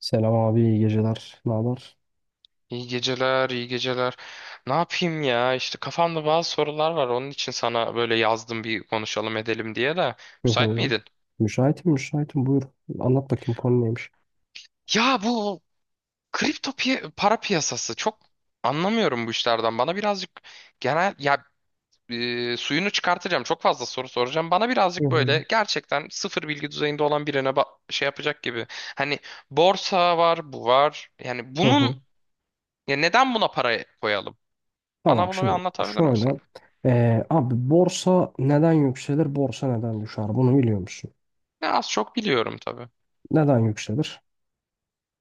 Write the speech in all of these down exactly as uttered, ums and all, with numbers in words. Selam abi, iyi geceler. Ne haber? İyi geceler, iyi geceler. Ne yapayım ya? İşte kafamda bazı sorular var. Onun için sana böyle yazdım bir konuşalım edelim diye de. Hı Müsait hı. miydin? Müşahitim, müşahitim. Buyur. Anlat bakayım konu neymiş? Ya bu kripto piya- para piyasası çok anlamıyorum bu işlerden. Bana birazcık genel ya e, suyunu çıkartacağım. Çok fazla soru soracağım. Bana Hı birazcık hı. böyle gerçekten sıfır bilgi düzeyinde olan birine ba- şey yapacak gibi. Hani borsa var, bu var. Yani Hı hı. bunun ya neden buna para koyalım? Bana Tamam, bunu bir şimdi anlatabilir misin? şöyle. Ee, abi borsa neden yükselir, borsa neden düşer? Bunu biliyor musun? Ya az çok biliyorum tabii. Neden yükselir?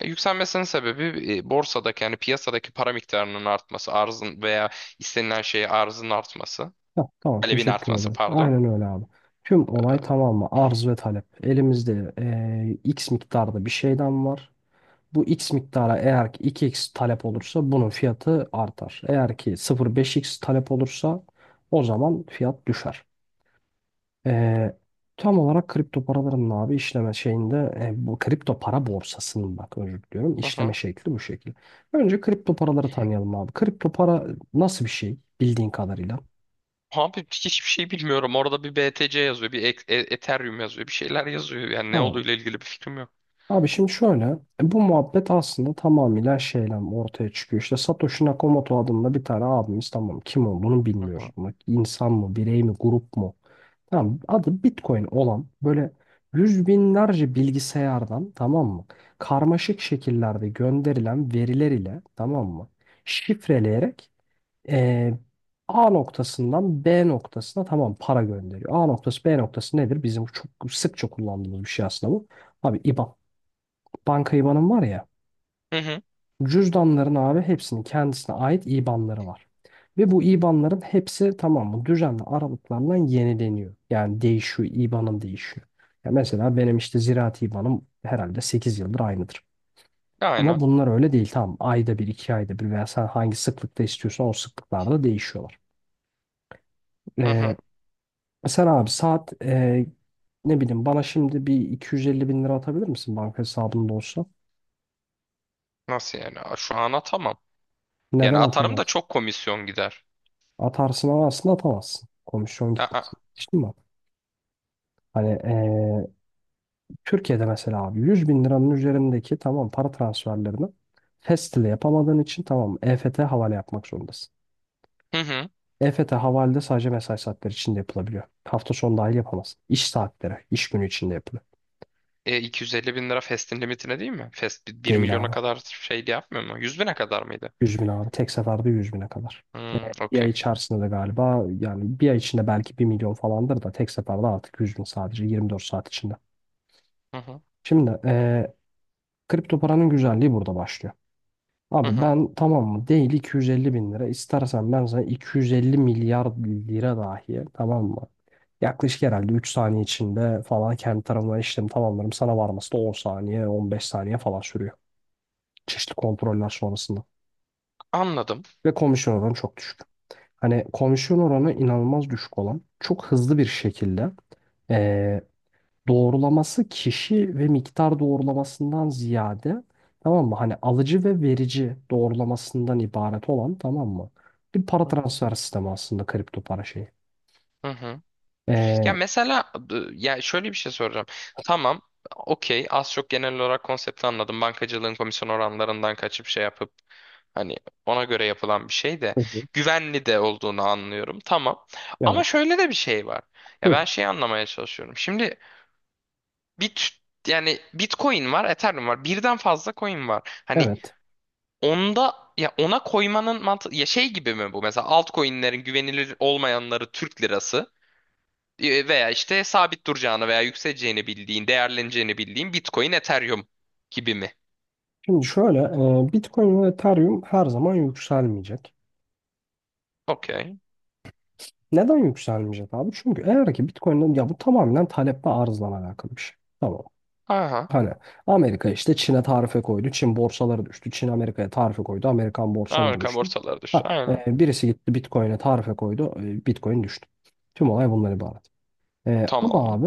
E, Yükselmesinin sebebi e, borsadaki yani piyasadaki para miktarının artması, arzın veya istenilen şeye arzın artması, Heh, tamam, talebin teşekkür artması ederim. pardon. Aynen öyle abi. Tüm olay tamam mı? Arz ve talep. Elimizde ee, X miktarda bir şeyden var. Bu x miktara eğer ki iki x talep olursa bunun fiyatı artar. Eğer ki sıfır nokta beş x talep olursa o zaman fiyat düşer. Ee, tam olarak kripto paraların abi işleme şeyinde e, bu kripto para borsasının, bak özür diliyorum, Hı işleme hı. şekli bu şekil. Önce kripto paraları tanıyalım abi. Kripto para nasıl bir şey bildiğin kadarıyla? Abi hiçbir şey bilmiyorum. Orada bir B T C yazıyor, bir E- E- Ethereum yazıyor, bir şeyler yazıyor. Yani ne Tamam. olduğuyla ilgili bir fikrim yok. Abi şimdi şöyle, e, bu muhabbet aslında tamamıyla şeyle ortaya çıkıyor. İşte Satoshi Nakamoto adında bir tane abimiz, tamam, kim olduğunu Hı hı. bilmiyoruz. Bak, insan mı, birey mi, grup mu? Tamam, adı Bitcoin olan böyle yüz binlerce bilgisayardan, tamam mı? Karmaşık şekillerde gönderilen veriler ile, tamam mı? Şifreleyerek e, A noktasından B noktasına tamam para gönderiyor. A noktası B noktası nedir? Bizim çok sıkça kullandığımız bir şey aslında bu. Abi IBAN, banka IBAN'ım var ya. Hı hı. Cüzdanların abi hepsinin kendisine ait IBAN'ları var. Ve bu IBAN'ların hepsi, tamam mı, düzenli aralıklarla yenileniyor. Yani değişiyor, IBAN'ım değişiyor. Ya mesela benim işte ziraat IBAN'ım herhalde sekiz yıldır aynıdır. Ama Aynen. bunlar öyle değil, tamam. Ayda bir, iki ayda bir veya sen hangi sıklıkta istiyorsan o sıklıklarda değişiyorlar. Hı Ee, hı. sen abi saat e, ne bileyim, bana şimdi bir iki yüz elli bin lira atabilir misin banka hesabında olsa? Nasıl yani? Aa, Şu an atamam. Yani Neden atarım da atamaz? çok komisyon gider. Atarsın ama aslında atamazsın. Komisyon Aa. gitmesin. Geçtin mi? Hani eee, Türkiye'de mesela abi yüz bin liranın üzerindeki tamam para transferlerini fest ile yapamadığın için tamam E F T havale yapmak zorundasın. Hı hı. E F T havalede sadece mesai saatleri içinde yapılabiliyor. Hafta sonu dahil yapamazsın. İş saatleri, iş günü içinde yapılıyor. E, iki yüz elli bin lira Fest'in limitine değil mi? Fest bir Değil milyona abi. kadar şey yapmıyor mu? Yüz bine kadar mıydı? yüz bin abi. Tek seferde yüz bine kadar. Hmm, Bir ay okey. içerisinde de galiba, yani bir ay içinde belki bir milyon falandır da tek seferde artık yüz bin sadece yirmi dört saat içinde. Hı Şimdi kripto paranın güzelliği burada başlıyor. hı. Abi Hı. ben tamam mı değil iki yüz elli bin lira istersen ben sana iki yüz elli milyar lira dahi, tamam mı? Yaklaşık herhalde üç saniye içinde falan kendi tarafından işlemi tamamlarım. Sana varması da on saniye on beş saniye falan sürüyor. Çeşitli kontroller sonrasında. Anladım. Ve komisyon oranı çok düşük. Hani komisyon oranı inanılmaz düşük olan, çok hızlı bir şekilde eee, doğrulaması kişi ve miktar doğrulamasından ziyade, tamam mı, hani alıcı ve verici doğrulamasından ibaret olan, tamam mı, bir para Hı transfer sistemi aslında kripto para şeyi. hı. Hı. Ya Ee, mesela e, ya şöyle bir şey soracağım. Tamam. Okey. Az çok genel olarak konsepti anladım. Bankacılığın komisyon oranlarından kaçıp şey yapıp hani ona göre yapılan bir şey de Hı hı. güvenli de olduğunu anlıyorum. Tamam. Ama Evet. şöyle de bir şey var. Ya Hı, ben şeyi anlamaya çalışıyorum. Şimdi bit yani Bitcoin var, Ethereum var. Birden fazla coin var. Hani evet. onda ya ona koymanın mantığı ya şey gibi mi bu? Mesela altcoin'lerin güvenilir olmayanları Türk lirası e, veya işte sabit duracağını veya yükseleceğini bildiğin, değerleneceğini bildiğin Bitcoin, Ethereum gibi mi? Şimdi şöyle, e, Bitcoin ve Ethereum her zaman yükselmeyecek. Okey. Neden yükselmeyecek abi? Çünkü eğer ki Bitcoin'in, ya, bu tamamen talep ve arzla alakalı bir şey. Tamam. Aha. Hani Amerika işte Çin'e tarife koydu. Çin borsaları düştü. Çin Amerika'ya tarife koydu. Amerikan borsaları Amerika düştü. borsaları düştü. Ha, Aynen. e, birisi gitti Bitcoin'e tarife koydu. e, Bitcoin düştü. Tüm olay bundan ibaret. E, ama Tamam. abi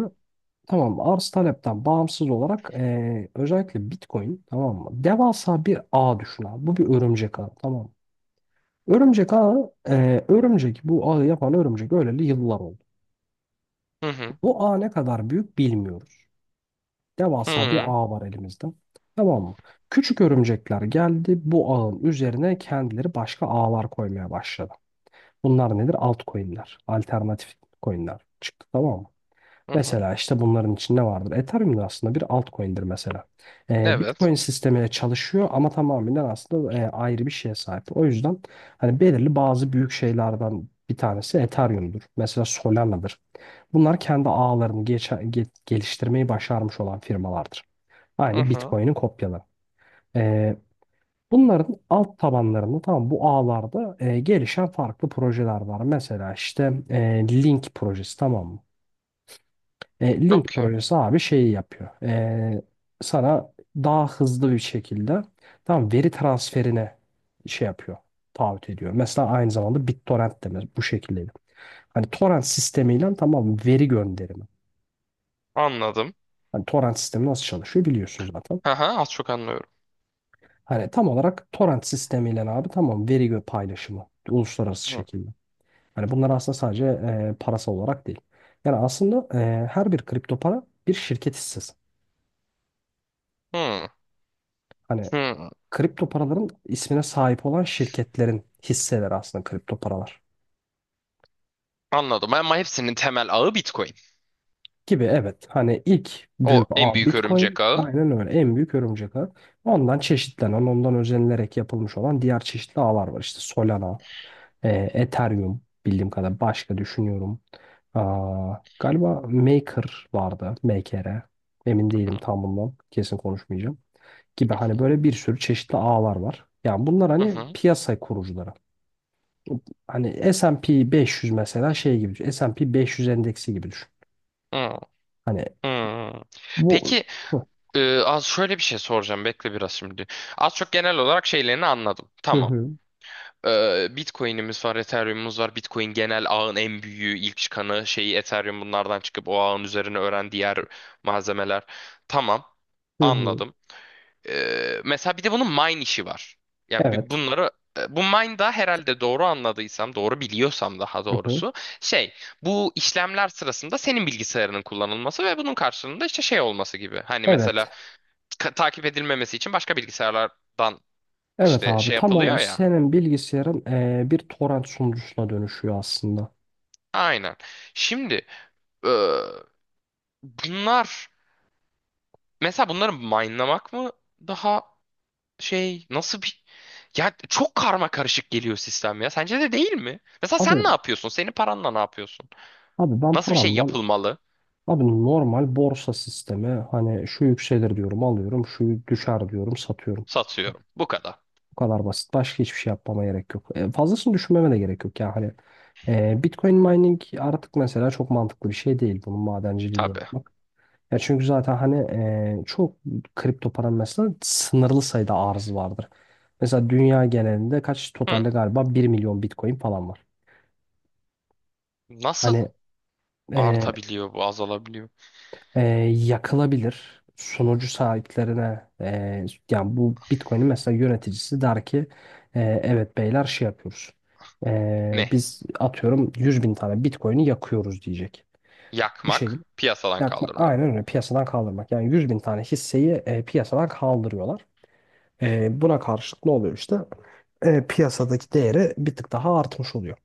tamam arz talepten bağımsız olarak e, özellikle Bitcoin, tamam mı? Devasa bir ağ düşün abi. Bu bir örümcek ağı, tamam mı? Örümcek ağı, e, örümcek, bu ağı yapan örümcek öleli yıllar oldu. Hı hı. Bu ağ ne kadar büyük bilmiyoruz. Hı Devasa bir hı. ağ var elimizde. Tamam mı? Küçük örümcekler geldi. Bu ağın üzerine kendileri başka ağlar koymaya başladı. Bunlar nedir? Altcoin'ler. Alternatif coin'ler çıktı, tamam mı? Hı hı. Mesela işte bunların içinde ne vardır. Ethereum da aslında bir altcoin'dir mesela. Ee, Evet. Bitcoin sistemiyle çalışıyor ama tamamen aslında e, ayrı bir şeye sahip. O yüzden hani belirli bazı büyük şeylerden bir tanesi Ethereum'dur. Mesela Solana'dır. Bunlar kendi ağlarını geçe- ge- geliştirmeyi başarmış olan firmalardır. Hı Aynı hı. Bitcoin'in kopyaları. Ee, bunların alt tabanlarında tamam bu ağlarda e, gelişen farklı projeler var. Mesela işte e, Link projesi, tamam mı? E, Link Okey. projesi abi şeyi yapıyor. E, sana daha hızlı bir şekilde tamam veri transferine şey yapıyor. Taahhüt ediyor. Mesela aynı zamanda BitTorrent de mes- bu şekildeydi. Hani torrent sistemiyle tamam veri gönderimi. Anladım. Hani torrent sistemi nasıl çalışıyor biliyorsunuz zaten. Aha. Az çok anlıyorum. Hani tam olarak torrent sistemiyle abi tamam veri gö- paylaşımı uluslararası Hı. şekilde. Hani bunlar aslında sadece e, parasal olarak değil. Yani aslında e, her bir kripto para bir şirket hissesi. Hı. Hani Hı. kripto paraların ismine sahip olan şirketlerin hisseleri aslında kripto paralar. Anladım. Ama hepsinin temel ağı Bitcoin. Gibi, evet. Hani ilk büyük O en ağ büyük Bitcoin, örümcek ağı. aynen öyle, en büyük örümcek ağı. Ondan çeşitlenen, ondan özenilerek yapılmış olan diğer çeşitli ağlar var. İşte Solana. E, Ethereum bildiğim kadar başka düşünüyorum. Aa, galiba Maker vardı. Maker'e. Emin Hı değilim hı. tam bundan. Kesin konuşmayacağım. Gibi Hı hani hı. böyle bir sürü çeşitli ağlar var. Yani bunlar Hı hani hı. piyasa kurucuları. Hani S and P beş yüz mesela şey gibi düşün. es pi beş yüz endeksi gibi düşün. Hı. Hani Hmm. bu. Peki e, az şöyle bir şey soracağım bekle biraz şimdi. Az çok genel olarak şeylerini anladım. Hı Tamam. hı E, Bitcoin'imiz var, Ethereum'umuz var. Bitcoin genel ağın en büyüğü, ilk çıkanı şeyi Ethereum bunlardan çıkıp o ağın üzerine öğren diğer malzemeler. Tamam. hı hı. Anladım. Ee, mesela bir de bunun mine işi var. Ya bir Evet. bunları e, bu mine da herhalde doğru anladıysam, doğru biliyorsam daha Hı hı. doğrusu şey bu işlemler sırasında senin bilgisayarının kullanılması ve bunun karşılığında işte şey olması gibi. Hani mesela Evet. ka- takip edilmemesi için başka bilgisayarlardan Evet işte abi, şey tam yapılıyor olarak ya. senin bilgisayarın eee, bir torrent sunucusuna dönüşüyor aslında. Aynen. Şimdi e, bunlar mesela bunları minelamak mı daha şey nasıl bir ya çok karma karışık geliyor sistem ya. Sence de değil mi? Mesela sen Abi ne yapıyorsun? Senin paranla ne yapıyorsun? Abi ben Nasıl bir şey paramdan yapılmalı? abi normal borsa sistemi hani şu yükselir diyorum alıyorum, şu düşer diyorum satıyorum. Satıyorum. Bu kadar. Bu kadar basit. Başka hiçbir şey yapmama gerek yok. E, fazlasını düşünmeme de gerek yok. Yani hani e, Bitcoin mining artık mesela çok mantıklı bir şey değil, bunun madenciliğini Tabii. yapmak. Ya çünkü zaten hani e, çok kripto paranın mesela sınırlı sayıda arzı vardır. Mesela dünya genelinde kaç Hı. totalde galiba bir milyon Bitcoin falan var. Nasıl Hani e, artabiliyor bu, azalabiliyor? e, yakılabilir. Sunucu sahiplerine e, yani bu Bitcoin'in mesela yöneticisi der ki e, evet beyler şey yapıyoruz. E, Ne? biz atıyorum yüz bin tane Bitcoin'i yakıyoruz diyecek. Bu Yakmak, şekilde piyasadan yakma, kaldırmak. aynen öyle, piyasadan kaldırmak. Yani yüz bin tane hisseyi e, piyasadan kaldırıyorlar. E, buna karşılık ne oluyor işte? E, piyasadaki değeri bir tık daha artmış oluyor.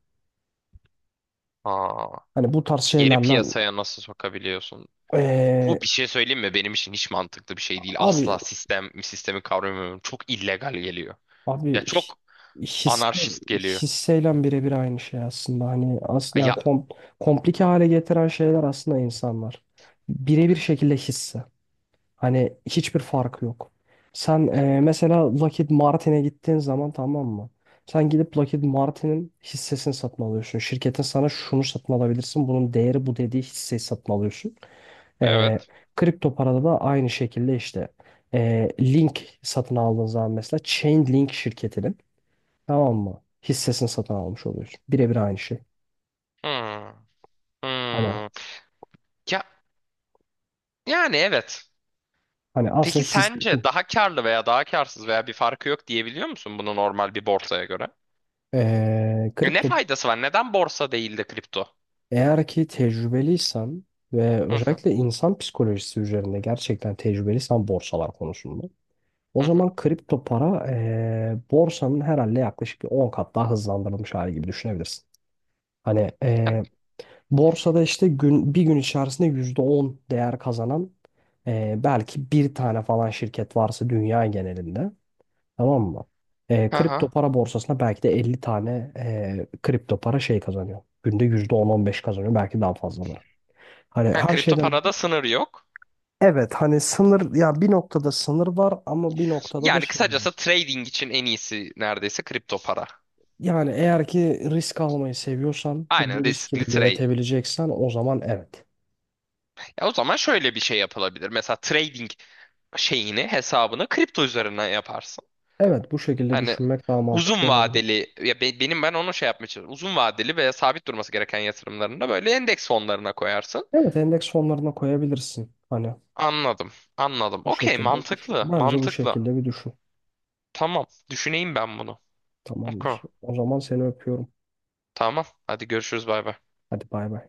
Aa, Hani bu tarz geri şeylerle piyasaya nasıl sokabiliyorsun? e, Bu bir şey söyleyeyim mi? Benim için hiç mantıklı bir şey değil. abi Asla sistem, sistemi kavramıyorum. Çok illegal geliyor. Abi Ya hi- çok hisse, anarşist geliyor. hisseyle birebir aynı şey aslında. Hani as, yani Ya kom, komplike hale getiren şeyler aslında insanlar. Birebir şekilde hisse. Hani hiçbir farkı yok. Sen e, mesela Lockheed Martin'e gittiğin zaman, tamam mı? Sen gidip Lockheed Martin'in hissesini satın alıyorsun. Şirketin sana şunu satın alabilirsin. Bunun değeri bu dediği hisseyi satın alıyorsun. E, evet. kripto parada da aynı şekilde işte e, Link satın aldığın zaman mesela Chainlink şirketinin, tamam mı, hissesini satın almış oluyorsun. Birebir aynı şey. Hmm. Hani Hmm. Ya, yani evet. hani aslında Peki his, sence daha karlı veya daha karsız veya bir farkı yok diyebiliyor musun bunu normal bir borsaya göre? Eee, E, ne kripto faydası var? Neden borsa değil de kripto? eğer ki tecrübeliysen ve Hı hı özellikle insan psikolojisi üzerinde gerçekten tecrübeliysen borsalar konusunda, o hı hı. zaman kripto para eee, borsanın herhalde yaklaşık bir on kat daha hızlandırılmış hali gibi düşünebilirsin. Hani Ha, eee, borsada işte gün bir gün içerisinde yüzde on değer kazanan eee, belki bir tane falan şirket varsa dünya genelinde, tamam mı? Ee, hı hı. kripto para borsasına belki de elli tane ee, kripto para şey kazanıyor. Günde yüzde on on beş kazanıyor. Belki daha fazlaları. Hani Ha, her kripto şeyden parada sınır yok. evet, hani sınır, ya bir noktada sınır var ama bir noktada da Yani şey yok. kısacası trading için en iyisi neredeyse kripto para. Yani eğer ki risk almayı seviyorsan Aynen bu riskini riskli trade. yönetebileceksen o zaman evet. Ya o zaman şöyle bir şey yapılabilir. Mesela trading şeyini hesabını kripto üzerinden yaparsın. Evet, bu şekilde Hani düşünmek daha mantıklı uzun olabilir. vadeli ya be- benim ben onu şey yapmaya çalışıyorum. Uzun vadeli ve sabit durması gereken yatırımlarını da böyle endeks fonlarına koyarsın. Evet, endeks fonlarına koyabilirsin. Hani Anladım. Anladım. bu Okey, şekilde düşün. mantıklı. Bence bu Mantıklı. şekilde bir düşün. Tamam. Düşüneyim ben bunu. Okey. Tamamdır. O zaman seni öpüyorum. Tamam. Hadi görüşürüz bay bay. Hadi bay bay.